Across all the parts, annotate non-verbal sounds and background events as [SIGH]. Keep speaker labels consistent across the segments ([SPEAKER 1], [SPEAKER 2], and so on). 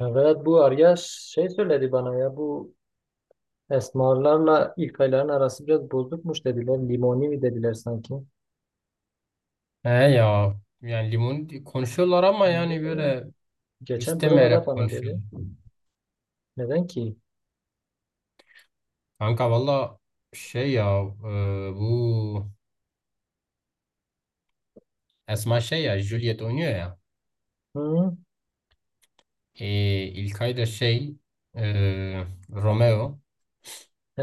[SPEAKER 1] Evet bu arya şey söyledi bana ya bu esmarlarla ilk ayların arası biraz bozukmuş dediler. Limoni mi dediler sanki.
[SPEAKER 2] He ya, yani limon konuşuyorlar ama
[SPEAKER 1] Ne
[SPEAKER 2] yani
[SPEAKER 1] oldu?
[SPEAKER 2] böyle
[SPEAKER 1] Geçen provada
[SPEAKER 2] istemeyerek
[SPEAKER 1] bana
[SPEAKER 2] konuşuyorlar.
[SPEAKER 1] dedi. Neden ki?
[SPEAKER 2] Kanka valla şey ya bu Esma şey ya Juliet oynuyor ya.
[SPEAKER 1] Hı?
[SPEAKER 2] E, İlkay da şey e, Romeo
[SPEAKER 1] He.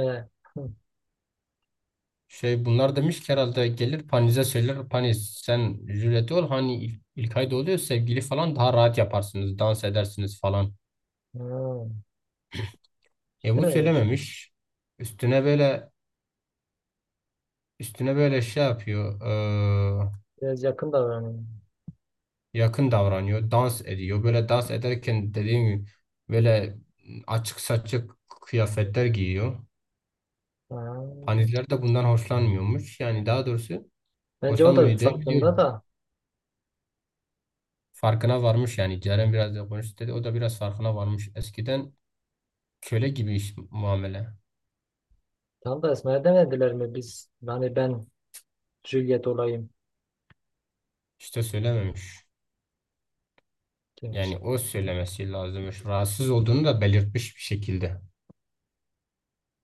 [SPEAKER 1] Hı.
[SPEAKER 2] şey bunlar demiş ki herhalde gelir Paniz'e söyler Paniz sen Juliet ol hani İlkay da oluyor sevgili falan daha rahat yaparsınız dans edersiniz falan.
[SPEAKER 1] Ha. İşte
[SPEAKER 2] Bu
[SPEAKER 1] öyleymiş.
[SPEAKER 2] söylememiş. Üstüne böyle üstüne böyle şey yapıyor. e,
[SPEAKER 1] Biraz yakın davranıyor.
[SPEAKER 2] Yakın davranıyor, dans ediyor. Böyle dans ederken dediğim gibi böyle açık saçık kıyafetler giyiyor.
[SPEAKER 1] Ha.
[SPEAKER 2] Panizler de bundan hoşlanmıyormuş. Yani daha doğrusu
[SPEAKER 1] Bence o da
[SPEAKER 2] hoşlanmıyor diye
[SPEAKER 1] farkında
[SPEAKER 2] biliyorum.
[SPEAKER 1] da.
[SPEAKER 2] Farkına varmış yani. Ceren biraz da konuştu dedi. O da biraz farkına varmış. Eskiden köle gibi muamele.
[SPEAKER 1] Tam da Esma'ya demediler mi biz? Hani ben Juliet olayım.
[SPEAKER 2] İşte söylememiş. Yani
[SPEAKER 1] Gerçi.
[SPEAKER 2] o söylemesi lazımmış. Rahatsız olduğunu da belirtmiş bir şekilde.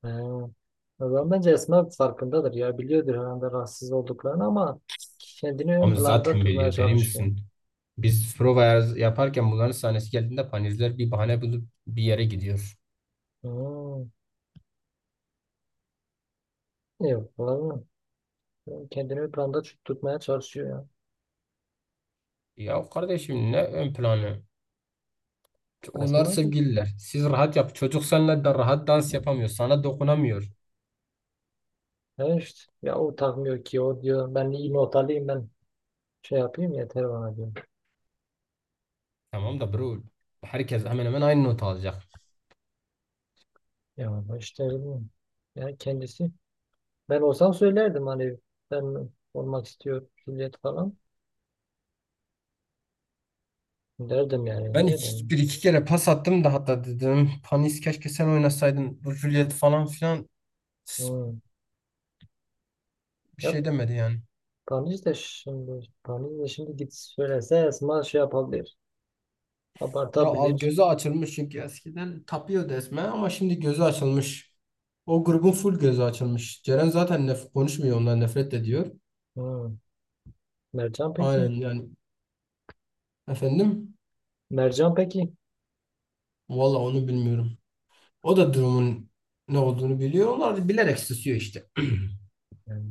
[SPEAKER 1] He. O zaman bence Esma farkındadır ya. Biliyordur herhalde rahatsız olduklarını ama kendini ön
[SPEAKER 2] Onu
[SPEAKER 1] planda
[SPEAKER 2] zaten
[SPEAKER 1] tutmaya
[SPEAKER 2] biliyor, deli
[SPEAKER 1] çalışıyor.
[SPEAKER 2] misin? Biz prova yaparken bunların sahnesi geldiğinde panizler bir bahane bulup bir yere gidiyor.
[SPEAKER 1] Hmm. Yok falan. Kendini ön planda tutmaya çalışıyor ya.
[SPEAKER 2] Ya kardeşim, ne ön planı? Onlar
[SPEAKER 1] Esma da.
[SPEAKER 2] sevgililer. Siz rahat yap. Çocuk seninle de rahat dans yapamıyor. Sana dokunamıyor.
[SPEAKER 1] Ya işte. Ya o takmıyor ki o diyor. Ben iyi not alayım, ben şey yapayım yeter bana diyor.
[SPEAKER 2] Tamam da bro. Herkes hemen hemen aynı notu alacak.
[SPEAKER 1] Ya ama işte bilmiyorum. Ya kendisi. Ben olsam söylerdim hani ben olmak istiyorum, hürriyet falan. Derdim yani. Niye demiyorum.
[SPEAKER 2] Bir iki kere pas attım da hatta dedim. Panis keşke sen oynasaydın. Bu Juliet falan filan s-
[SPEAKER 1] Hmm.
[SPEAKER 2] bir
[SPEAKER 1] Ya
[SPEAKER 2] şey demedi yani.
[SPEAKER 1] Tanrıç da şimdi git söylese Esma şey yapabilir.
[SPEAKER 2] Ya
[SPEAKER 1] Abartabilir.
[SPEAKER 2] gözü açılmış çünkü eskiden tapıyordu esme ama şimdi gözü açılmış. O grubun full gözü açılmış. Ceren zaten konuşmuyor, ondan nefret ediyor.
[SPEAKER 1] Hmm. Mercan peki?
[SPEAKER 2] Aynen yani, efendim
[SPEAKER 1] Mercan peki?
[SPEAKER 2] valla onu bilmiyorum. O da durumun ne olduğunu biliyor. Onlar da bilerek susuyor işte. [CLEARS THROAT]
[SPEAKER 1] Yani,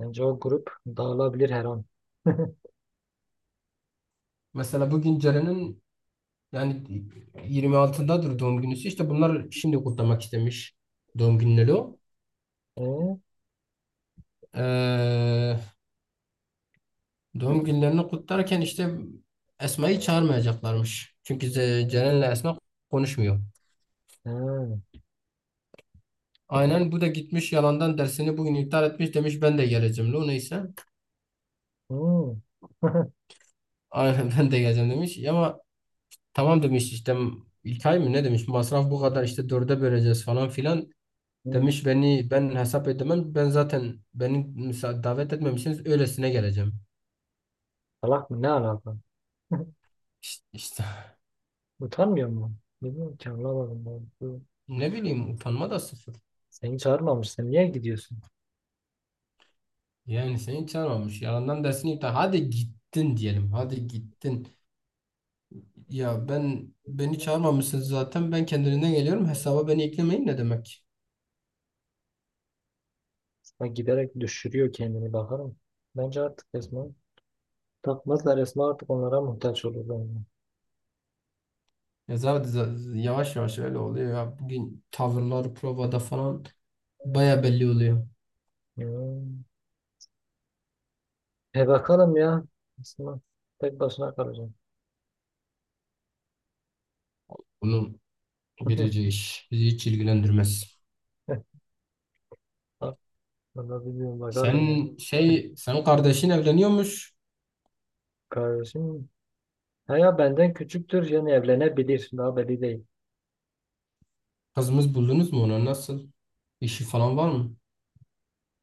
[SPEAKER 1] bence o grup dağılabilir her an.
[SPEAKER 2] Mesela bugün Ceren'in yani 26'dadır doğum günüsü. İşte bunlar şimdi kutlamak istemiş, doğum günleri o.
[SPEAKER 1] Ee?
[SPEAKER 2] Ee, Doğum günlerini kutlarken işte Esma'yı çağırmayacaklarmış. Çünkü Ceren'le Esma konuşmuyor.
[SPEAKER 1] Ha.
[SPEAKER 2] Aynen bu da gitmiş, yalandan dersini bugün iptal etmiş, demiş ben de geleceğim. O neyse.
[SPEAKER 1] Hmm. [LAUGHS]
[SPEAKER 2] Aynen [LAUGHS] ben de geleceğim demiş. Ama tamam demiş işte, İlkay mı ne demiş masraf bu kadar işte dörde böleceğiz falan filan.
[SPEAKER 1] Hmm.
[SPEAKER 2] Demiş beni ben hesap edemem, ben zaten beni davet etmemişsiniz, öylesine geleceğim.
[SPEAKER 1] Salak mı? Ne alaka? [LAUGHS]
[SPEAKER 2] İşte,
[SPEAKER 1] Utanmıyor mu? Bilmiyorum ki, anlamadım ben. Bu-
[SPEAKER 2] ne bileyim utanma da sıfır.
[SPEAKER 1] Seni çağırmamış. Sen niye gidiyorsun?
[SPEAKER 2] Yani seni çağırmamış. Yalandan dersini iptal. Hadi gittin diyelim. Hadi gittin. Ya ben beni çağırmamışsınız zaten. Ben kendiliğinden geliyorum. Hesaba beni eklemeyin ne demek?
[SPEAKER 1] Esma giderek düşürüyor kendini, bakarım. Bence artık Esma takmazlar. Esma artık onlara muhtaç olur bence.
[SPEAKER 2] Ya zaten yavaş yavaş öyle oluyor ya. Bugün tavırlar provada falan baya belli oluyor.
[SPEAKER 1] Hmm. E bakalım ya. Aslında tek başına kalacağım.
[SPEAKER 2] Bunun
[SPEAKER 1] [LAUGHS]
[SPEAKER 2] bileceği iş. Bizi hiç ilgilendirmez.
[SPEAKER 1] Vallahi bilmiyorum, bakalım ya.
[SPEAKER 2] Sen kardeşin evleniyormuş.
[SPEAKER 1] Kardeşim. Ha ya benden küçüktür yani evlenebilir. Daha belli değil.
[SPEAKER 2] Kızımız buldunuz mu ona? Nasıl? İşi falan var mı?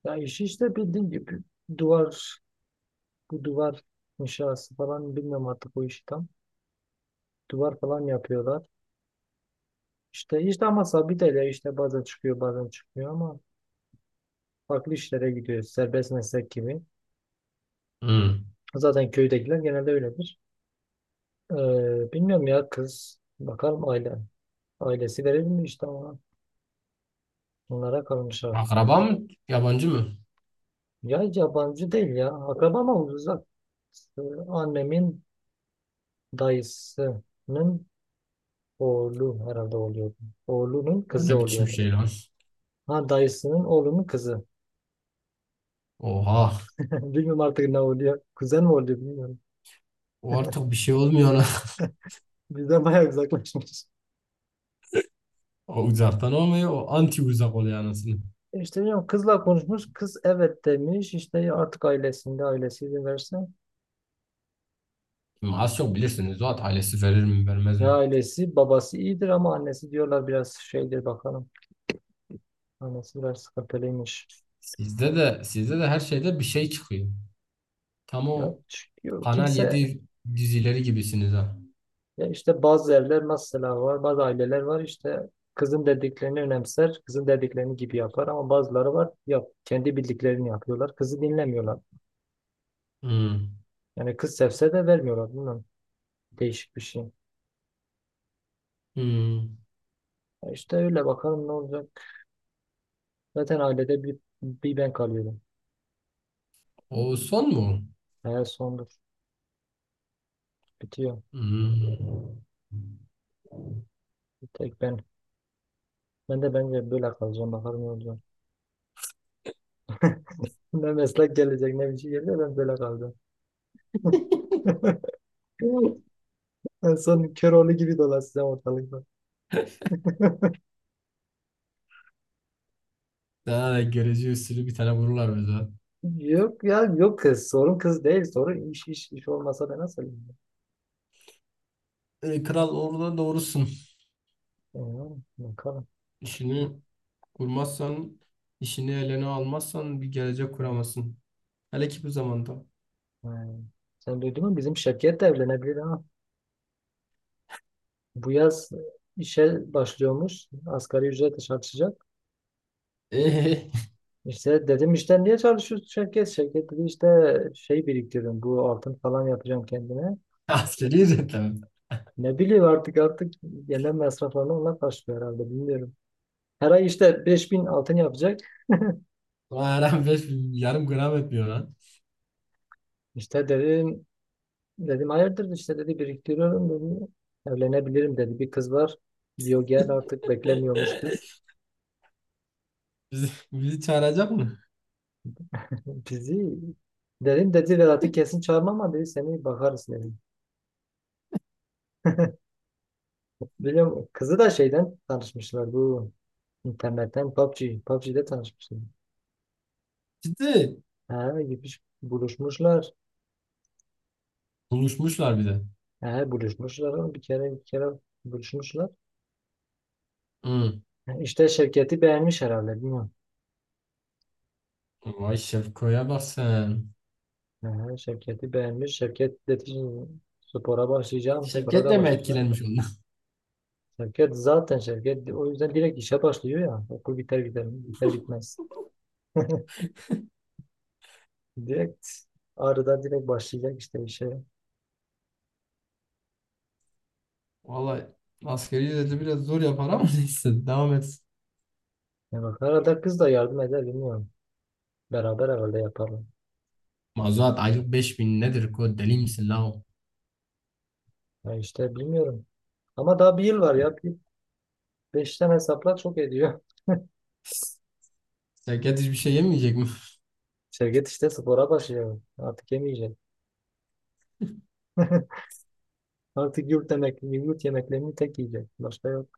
[SPEAKER 1] Ya işi işte bildiğin gibi duvar, bu duvar inşası falan, bilmiyorum artık o işi tam. Duvar falan yapıyorlar. İşte işte ama sabit ele, işte bazen çıkıyor bazen çıkmıyor ama farklı işlere gidiyor. Serbest meslek gibi.
[SPEAKER 2] Hı.
[SPEAKER 1] Zaten köydekiler genelde öyledir. Bilmiyorum ya kız. Bakalım aile. Ailesi verir mi işte ona? Bunlara kalmış artık.
[SPEAKER 2] Akraba mı? Yabancı mı?
[SPEAKER 1] Ya yabancı değil ya. Akraba ama uzak. Ee, Annemin dayısının oğlu herhalde oluyordu. Oğlunun
[SPEAKER 2] O
[SPEAKER 1] kızı
[SPEAKER 2] ne biçim
[SPEAKER 1] oluyordu.
[SPEAKER 2] şey lan?
[SPEAKER 1] Ha, dayısının oğlunun kızı.
[SPEAKER 2] Oha.
[SPEAKER 1] [LAUGHS] Bilmiyorum artık ne oluyor. Kuzen mi oluyor bilmiyorum.
[SPEAKER 2] O artık bir şey olmuyor ona. [LAUGHS]
[SPEAKER 1] Bizden bayağı uzaklaşmış.
[SPEAKER 2] O uzaktan olmuyor. O anti uzak oluyor anasını.
[SPEAKER 1] E İşte bilmiyorum, kızla konuşmuş. Kız evet demiş. İşte artık ailesi izin verse.
[SPEAKER 2] Şimdi az çok bilirsiniz. Zuhat ailesi verir mi vermez
[SPEAKER 1] Ya
[SPEAKER 2] mi?
[SPEAKER 1] ailesi, babası iyidir ama annesi diyorlar biraz şeydir, bakalım. Annesi biraz sıkıntılıymış.
[SPEAKER 2] Sizde de her şeyde bir şey çıkıyor. Tam
[SPEAKER 1] Ya
[SPEAKER 2] o
[SPEAKER 1] çıkıyor.
[SPEAKER 2] Kanal
[SPEAKER 1] Kimse
[SPEAKER 2] yedi dizileri gibisiniz ha.
[SPEAKER 1] ya işte bazı evler mesela var, bazı aileler var, işte kızın dediklerini önemser, kızın dediklerini gibi yapar ama bazıları var yap, kendi bildiklerini yapıyorlar, kızı dinlemiyorlar.
[SPEAKER 2] Hmm.
[SPEAKER 1] Yani kız sevse de vermiyorlar, bilmiyorum. Değişik bir şey.
[SPEAKER 2] Hmm.
[SPEAKER 1] Ya işte öyle, bakalım ne olacak. Zaten ailede bir ben kalıyorum.
[SPEAKER 2] O son mu?
[SPEAKER 1] Hayat sondur, bitiyor.
[SPEAKER 2] Hmm.
[SPEAKER 1] Bir tek ben. Ben de bence böyle kalacağım, bakalım ne olacak. [LAUGHS] Ne meslek gelecek ne bir şey gelecek, ben böyle kalacağım. [LAUGHS] En son Köroğlu gibi dolaşacağım ortalıkta.
[SPEAKER 2] Sana da görece usulü bir tane vururlar bize.
[SPEAKER 1] Yok ya, yok kız. Sorun kız değil. Sorun iş, iş olmasa ben nasıl evlenirim?
[SPEAKER 2] E, kral orada doğrusun.
[SPEAKER 1] Bilmiyorum, bakalım.
[SPEAKER 2] İşini kurmazsan, işini eline almazsan bir gelecek kuramazsın. Hele ki bu zamanda.
[SPEAKER 1] Hmm. Sen duydun mu? Bizim Şevket de evlenebilir ha. Bu yaz işe başlıyormuş. Asgari ücretle çalışacak.
[SPEAKER 2] Ee,
[SPEAKER 1] İşte dedim işte niye çalışıyorsun Şevket? Şevket dedi işte şey, biriktiriyorum. Bu altın falan yapacağım kendime.
[SPEAKER 2] [LAUGHS] Askeri ücretle mi?
[SPEAKER 1] Ne bileyim artık, yemek masraflarını onlar karşılıyor herhalde. Bilmiyorum. Her ay işte 5000 altın yapacak.
[SPEAKER 2] Ulan her an 5.000, [LAUGHS] yarım gram etmiyor lan.
[SPEAKER 1] İşte dedim, dedim hayırdır, işte dedi biriktiriyorum dedi. Evlenebilirim dedi. Bir kız var. Diyor gel artık,
[SPEAKER 2] [LAUGHS]
[SPEAKER 1] beklemiyormuş kız.
[SPEAKER 2] Bizi çağıracak mı?
[SPEAKER 1] [LAUGHS] Bizi dedim, dedi Vedat'ı kesin çağırmam ama dedi seni bakarız dedim. Biliyorum, kızı da şeyden tanışmışlar, bu internetten, PUBG. PUBG'de tanışmışlar.
[SPEAKER 2] Ciddi.
[SPEAKER 1] Ha gitmiş buluşmuşlar.
[SPEAKER 2] Buluşmuşlar bir de.
[SPEAKER 1] Ha buluşmuşlar oğlum. Bir kere buluşmuşlar.
[SPEAKER 2] Hı.
[SPEAKER 1] Ha, İşte Şevket'i beğenmiş herhalde, bilmiyorum.
[SPEAKER 2] Vay Şevko'ya bak sen.
[SPEAKER 1] Ha, Şevket'i beğenmiş. Şevket dedi spora başlayacağım. Spora
[SPEAKER 2] Şevket
[SPEAKER 1] da
[SPEAKER 2] de mi
[SPEAKER 1] başlayacağım.
[SPEAKER 2] etkilenmiş ondan?
[SPEAKER 1] Şirket zaten, şirket o yüzden direkt işe başlıyor ya. Okul biter gider, biter bitmez. [LAUGHS] Direkt ağrıdan direkt başlayacak işte işe.
[SPEAKER 2] [LAUGHS] Vallahi askeri ücreti biraz zor yapar ama [LAUGHS] neyse devam et.
[SPEAKER 1] Ya bak arada kız da yardım eder, bilmiyorum. Beraber herhalde yaparlar.
[SPEAKER 2] Mazuat aylık 5.000 nedir ko, deli misin la o?
[SPEAKER 1] Ya işte bilmiyorum. Ama daha bir yıl var ya. Bir, beşten hesapla çok ediyor.
[SPEAKER 2] Şevket hiçbir şey yemeyecek mi?
[SPEAKER 1] [LAUGHS] Şirket işte spora başlıyor. Artık yemeyecek. [LAUGHS] Artık yurt yemek, yurt yemeklerini tek yiyecek. Başka yok.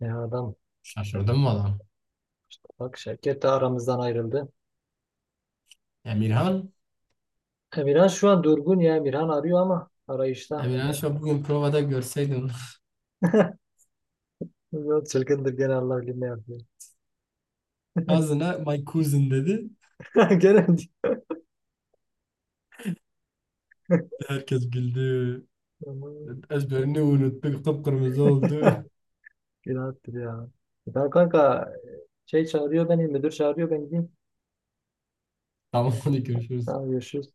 [SPEAKER 1] Ya adam
[SPEAKER 2] [LAUGHS]
[SPEAKER 1] şey,
[SPEAKER 2] Şaşırdım valla.
[SPEAKER 1] bak şirket de aramızdan ayrıldı.
[SPEAKER 2] Emirhan?
[SPEAKER 1] Emirhan şu an durgun ya. Emirhan arıyor ama arayışta.
[SPEAKER 2] Emirhan şu an bugün provada görseydin.
[SPEAKER 1] बहुत Çılgındır gene, Allah bilir ne yapıyor.
[SPEAKER 2] [LAUGHS] Kazına my cousin dedi.
[SPEAKER 1] [LAUGHS] Gene
[SPEAKER 2] Herkes güldü.
[SPEAKER 1] aman.
[SPEAKER 2] Ezberini unuttuk. Kıpkırmızı oldu.
[SPEAKER 1] [LAUGHS] günahtır ya. E tamam kanka, şey çağırıyor beni, müdür çağırıyor, ben gideyim.
[SPEAKER 2] [LAUGHS] Tamam hadi görüşürüz.
[SPEAKER 1] Tamam, görüşürüz.